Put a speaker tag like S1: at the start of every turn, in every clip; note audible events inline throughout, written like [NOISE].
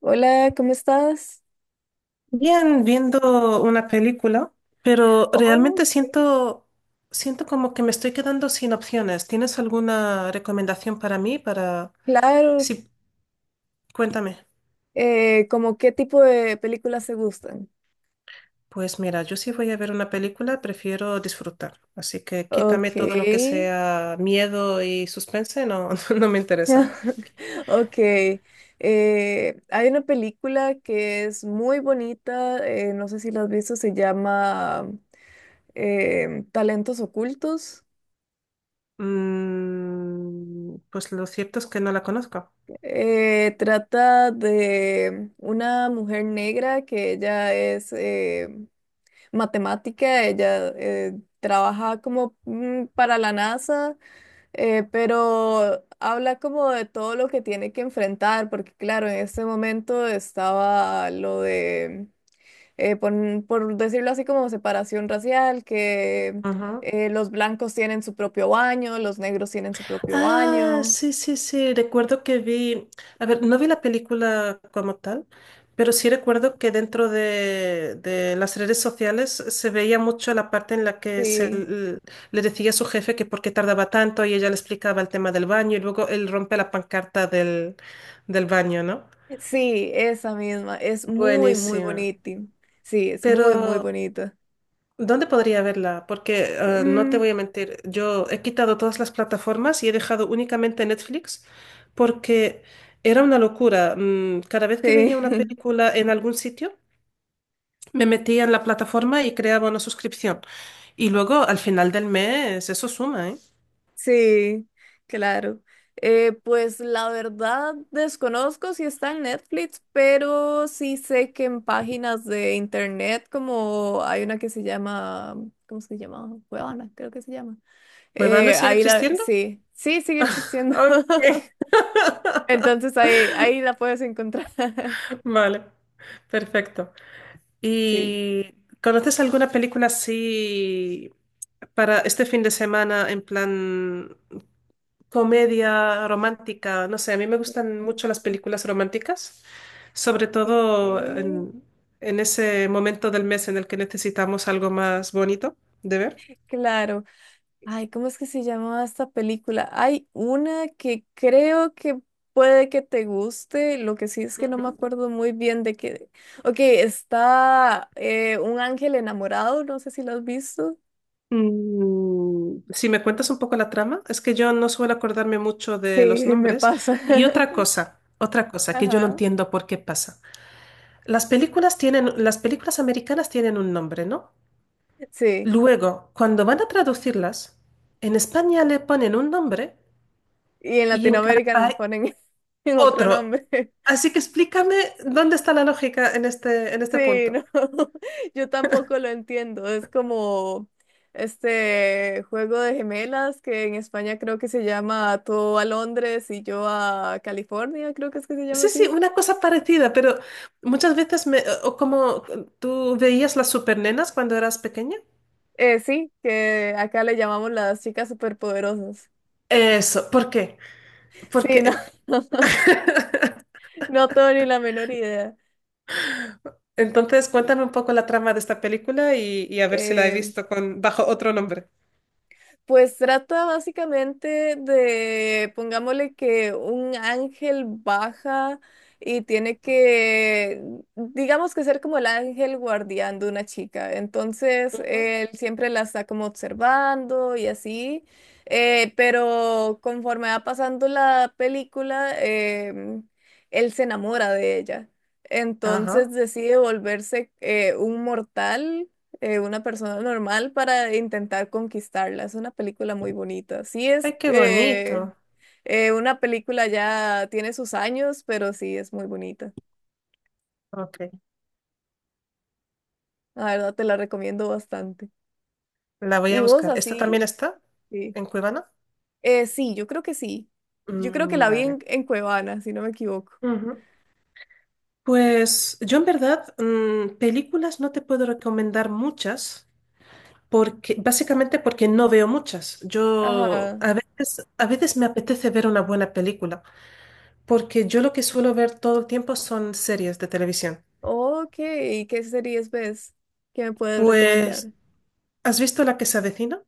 S1: Hola, ¿cómo estás?
S2: Bien, viendo una película, pero
S1: Oh,
S2: realmente
S1: qué bien.
S2: siento como que me estoy quedando sin opciones. ¿Tienes alguna recomendación para mí?
S1: Claro.
S2: Sí, cuéntame.
S1: ¿Cómo qué tipo de películas te gustan?
S2: Pues mira, yo si voy a ver una película, prefiero disfrutar. Así que quítame
S1: Ok.
S2: todo lo que sea miedo y suspense, no, [LAUGHS] no me interesa.
S1: [LAUGHS] Ok. Hay una película que es muy bonita, no sé si la has visto, se llama Talentos Ocultos.
S2: Pues lo cierto es que no la conozco.
S1: Trata de una mujer negra que ella es... matemática, ella trabaja como para la NASA, pero habla como de todo lo que tiene que enfrentar, porque claro, en este momento estaba lo de, por, decirlo así, como separación racial, que
S2: Ujú.
S1: los blancos tienen su propio baño, los negros tienen su propio
S2: Ah,
S1: baño,
S2: sí, sí, sí. Recuerdo que vi, a ver, no vi la película como tal, pero sí recuerdo que dentro de las redes sociales se veía mucho la parte en la que se
S1: sí.
S2: l- le decía a su jefe que por qué tardaba tanto y ella le explicaba el tema del baño y luego él rompe la pancarta del baño, ¿no?
S1: Sí, esa misma, es muy, muy
S2: Buenísima.
S1: bonita. Sí, es muy, muy
S2: Pero,
S1: bonita.
S2: ¿dónde podría verla? Porque no te
S1: Mm,
S2: voy a mentir, yo he quitado todas las plataformas y he dejado únicamente Netflix porque era una locura. Cada vez que veía una
S1: sí. [LAUGHS]
S2: película en algún sitio, me metía en la plataforma y creaba una suscripción. Y luego al final del mes eso suma, ¿eh?
S1: Sí, claro. Pues la verdad desconozco si está en Netflix, pero sí sé que en páginas de internet, como hay una que se llama, ¿cómo se llama? Cuevana, creo que se llama.
S2: ¿Cuevana sigue
S1: Ahí la,
S2: existiendo?
S1: sí, sí, sigue
S2: [LAUGHS]
S1: existiendo.
S2: Ok,
S1: [LAUGHS] Entonces ahí, ahí la puedes encontrar. [LAUGHS]
S2: vale, perfecto.
S1: Sí.
S2: ¿Y conoces alguna película así para este fin de semana en plan comedia romántica, no sé, a mí me gustan mucho las películas románticas, sobre
S1: Ok.
S2: todo en ese momento del mes en el que necesitamos algo más bonito de ver.
S1: Claro. Ay, ¿cómo es que se llamaba esta película? Hay una que creo que puede que te guste, lo que sí es que no me
S2: Ujú.
S1: acuerdo muy bien de qué. Ok, está un ángel enamorado, no sé si lo has visto.
S2: Si me cuentas un poco la trama, es que yo no suelo acordarme mucho de los
S1: Sí, me
S2: nombres.
S1: pasa.
S2: Y
S1: [LAUGHS]
S2: otra cosa que yo no
S1: Ajá,
S2: entiendo por qué pasa. Las películas americanas tienen un nombre, ¿no?
S1: sí.
S2: Luego, cuando van a traducirlas, en España le ponen un nombre
S1: Y en
S2: y en cada
S1: Latinoamérica me
S2: país
S1: ponen [LAUGHS] en otro
S2: otro.
S1: nombre.
S2: Así que explícame dónde está la lógica en este
S1: Sí,
S2: punto.
S1: no, [LAUGHS] yo tampoco lo entiendo. Es como este juego de gemelas que en España creo que se llama Tú a Londres y yo a California, creo que es que se llama
S2: Sí, sí,
S1: así.
S2: una cosa parecida, pero muchas veces me, o como tú veías las supernenas cuando eras pequeña.
S1: Sí, que acá le llamamos las chicas superpoderosas.
S2: Eso, ¿por qué?
S1: Sí, no,
S2: Porque
S1: [LAUGHS] no tengo ni la menor idea.
S2: entonces cuéntame un poco la trama de esta película y a ver si la he
S1: Eh,
S2: visto con, bajo otro nombre.
S1: Pues trata básicamente de, pongámosle que un ángel baja y tiene que, digamos que ser como el ángel guardián de una chica. Entonces,
S2: Ujú.
S1: él siempre la está como observando y así, pero conforme va pasando la película, em, él se enamora de ella. Entonces
S2: Ajá.
S1: decide volverse un mortal, una persona normal para intentar conquistarla. Es una película muy bonita. Sí es
S2: Ay, qué bonito.
S1: una película ya tiene sus años, pero sí es muy bonita.
S2: Ok,
S1: La verdad te la recomiendo bastante.
S2: la voy
S1: Y
S2: a
S1: vos
S2: buscar. ¿Esta también
S1: así,
S2: está
S1: sí.
S2: en Cuevana?
S1: Sí, yo creo que sí. Yo creo que
S2: Mm,
S1: la vi en Cuevana, si no me equivoco.
S2: vale. Pues yo en verdad, películas no te puedo recomendar muchas, porque, básicamente porque no veo muchas. Yo
S1: Ajá.
S2: a veces me apetece ver una buena película, porque yo lo que suelo ver todo el tiempo son series de televisión.
S1: Ok, ¿qué series ves que me puedes
S2: Pues,
S1: recomendar?
S2: ¿has visto La que se avecina?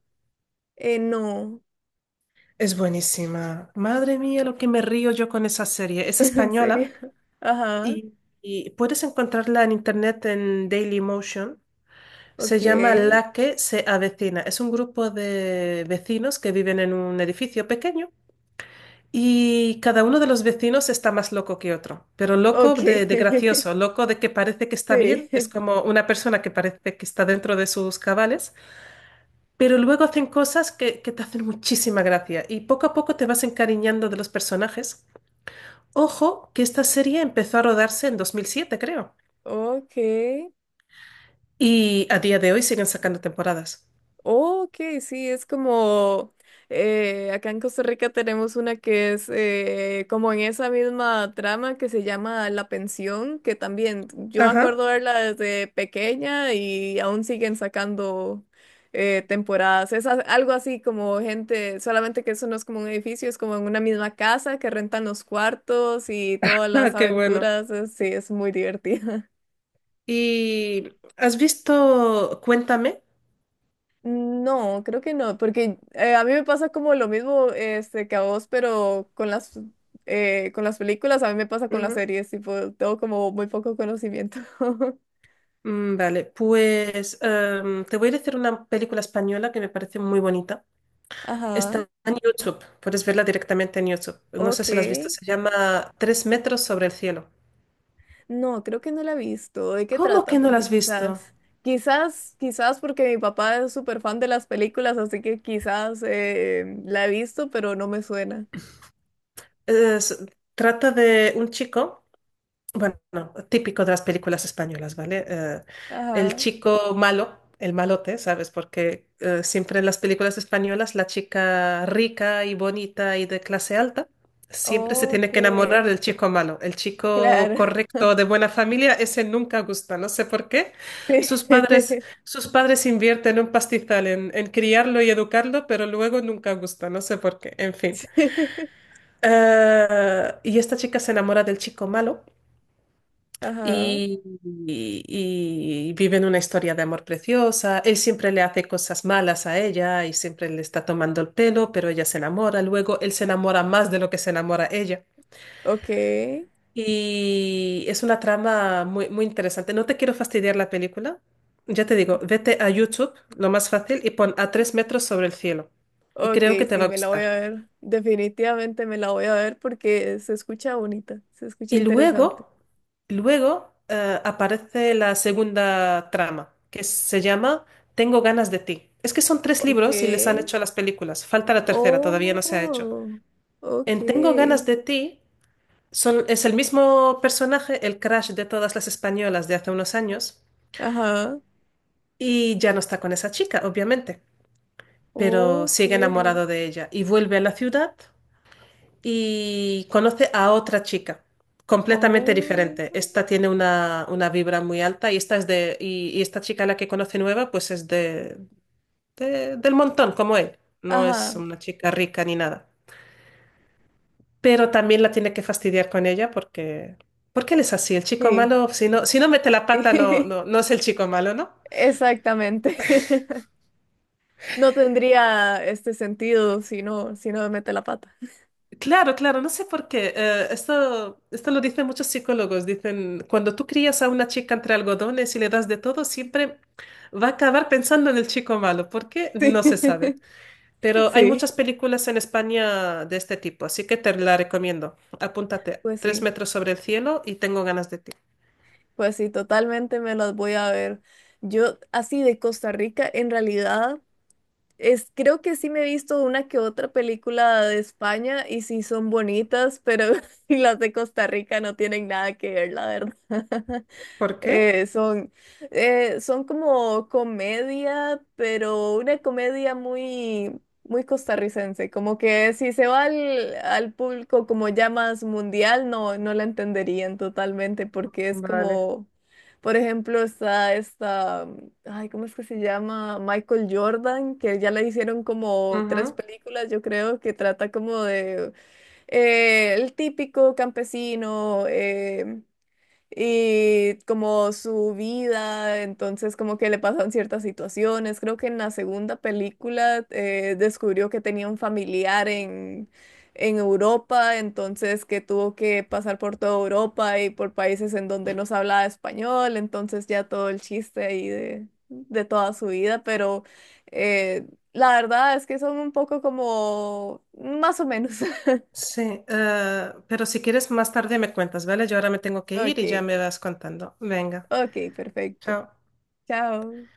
S1: No,
S2: Es buenísima. Madre mía, lo que me río yo con esa serie.
S1: [LAUGHS]
S2: Es
S1: en
S2: española
S1: serio. Ajá,
S2: y, y puedes encontrarla en internet en Dailymotion. Se
S1: ok,
S2: llama La que se avecina. Es un grupo de vecinos que viven en un edificio pequeño y cada uno de los vecinos está más loco que otro, pero loco
S1: ok.
S2: de
S1: [LAUGHS]
S2: gracioso, loco de que parece que está
S1: Sí,
S2: bien, es
S1: [LAUGHS]
S2: como una persona que parece que está dentro de sus cabales, pero luego hacen cosas que te hacen muchísima gracia y poco a poco te vas encariñando de los personajes. Ojo que esta serie empezó a rodarse en 2007 creo,
S1: ok,
S2: y a día de hoy siguen sacando temporadas.
S1: ok, sí, es como acá en Costa Rica tenemos una que es como en esa misma trama que se llama La Pensión, que también yo me
S2: Ajá,
S1: acuerdo verla desde pequeña y aún siguen sacando temporadas. Es algo así como gente, solamente que eso no es como un edificio, es como en una misma casa que rentan los cuartos y
S2: [LAUGHS]
S1: todas las
S2: Ah, qué bueno.
S1: aventuras, sí, es muy divertido.
S2: ¿Y has visto Cuéntame?
S1: No, creo que no, porque a mí me pasa como lo mismo este, que a vos, pero con las películas, a mí me pasa con las
S2: Ujú.
S1: series, tipo, tengo como muy poco conocimiento. [LAUGHS]
S2: Mm, vale, pues te voy a decir una película española que me parece muy bonita.
S1: Ajá,
S2: Está en YouTube, puedes verla directamente en YouTube. No sé
S1: ok.
S2: si la has visto, se llama Tres metros sobre el cielo.
S1: No, creo que no la he visto. ¿De qué
S2: ¿Cómo
S1: trata?
S2: que no la
S1: Porque
S2: has visto?
S1: quizás, quizás, quizás porque mi papá es súper fan de las películas, así que quizás la he visto, pero no me suena.
S2: Es- Trata de un chico, bueno, típico de las películas españolas, ¿vale? El
S1: Ajá,
S2: chico malo, el malote, ¿sabes? Porque siempre en las películas españolas la chica rica y bonita y de clase alta siempre se tiene que enamorar
S1: ok,
S2: del chico malo. El chico
S1: claro. [LAUGHS]
S2: correcto de buena familia, ese nunca gusta, no sé por qué.
S1: Sí.
S2: Sus padres,
S1: [LAUGHS]
S2: sus padres invierten un pastizal en criarlo y educarlo, pero luego nunca gusta, no sé por qué. En fin.
S1: Sí.
S2: Y esta chica se enamora del chico malo
S1: Ajá.
S2: y, y viven una historia de amor preciosa. Él siempre le hace cosas malas a ella y siempre le está tomando el pelo, pero ella se enamora. Luego él se enamora más de lo que se enamora ella.
S1: Ok,
S2: Y es una trama muy, muy interesante. No te quiero fastidiar la película. Ya te digo, vete a YouTube, lo más fácil, y pon a tres metros sobre el cielo. Y
S1: ok,
S2: creo que te va
S1: sí,
S2: a
S1: me la voy a
S2: gustar.
S1: ver. Definitivamente me la voy a ver porque se escucha bonita, se escucha
S2: Y
S1: interesante.
S2: luego, aparece la segunda trama, que se llama Tengo ganas de ti. Es que son tres
S1: Ok,
S2: libros y les han hecho las películas. Falta la tercera, todavía no se ha hecho.
S1: oh,
S2: En Tengo
S1: ok,
S2: ganas de ti son, es el mismo personaje, el crush de todas las españolas de hace unos años,
S1: ajá,
S2: y ya no está con esa chica, obviamente, pero
S1: ok,
S2: sigue enamorado de ella y vuelve a la ciudad y conoce a otra chica completamente
S1: oh,
S2: diferente. Esta tiene una vibra muy alta y esta es de y esta chica a la que conoce nueva pues es del montón como él. No es
S1: ajá,
S2: una chica rica ni nada. Pero también la tiene que fastidiar con ella porque él es así. El chico
S1: sí,
S2: malo, si no mete la pata no no
S1: [LAUGHS]
S2: no es el chico malo, ¿no?
S1: exactamente. [LAUGHS] No tendría este sentido si no, si no me mete la pata.
S2: Claro, claro, no sé por qué. Esto lo dicen muchos psicólogos. Dicen, cuando tú crías a una chica entre algodones y le das de todo, siempre va a acabar pensando en el chico malo. ¿Por qué?
S1: [LAUGHS]
S2: No se sabe.
S1: Sí, [LAUGHS]
S2: Pero hay muchas
S1: sí,
S2: películas en España de este tipo, así que te la recomiendo. Apúntate,
S1: pues
S2: Tres
S1: sí.
S2: metros sobre el cielo y tengo ganas de ti.
S1: Pues sí, totalmente me las voy a ver. Yo, así de Costa Rica, en realidad, es, creo que sí me he visto una que otra película de España y sí son bonitas, pero [LAUGHS] las de Costa Rica no tienen nada que ver, la verdad.
S2: ¿Por qué?
S1: Eh, son, son como comedia, pero una comedia muy, muy costarricense. Como que si se va al, al público como ya más mundial, no, no la entenderían totalmente, porque es
S2: Vale.
S1: como, por ejemplo, está esta, ay, ¿cómo es que se llama? Michael Jordan, que ya le hicieron como tres
S2: Ujú.
S1: películas, yo creo, que trata como de el típico campesino. Y como su vida, entonces como que le pasan ciertas situaciones. Creo que en la segunda película descubrió que tenía un familiar en Europa, entonces que tuvo que pasar por toda Europa y por países en donde no se hablaba español, entonces ya todo el chiste ahí de toda su vida, pero eh, la verdad es que son un poco como más o menos. [LAUGHS]
S2: Sí, pero si quieres más tarde me cuentas, ¿vale? Yo ahora me tengo que ir y ya
S1: Ok,
S2: me vas contando. Venga,
S1: ok, perfecto.
S2: chao.
S1: Chao.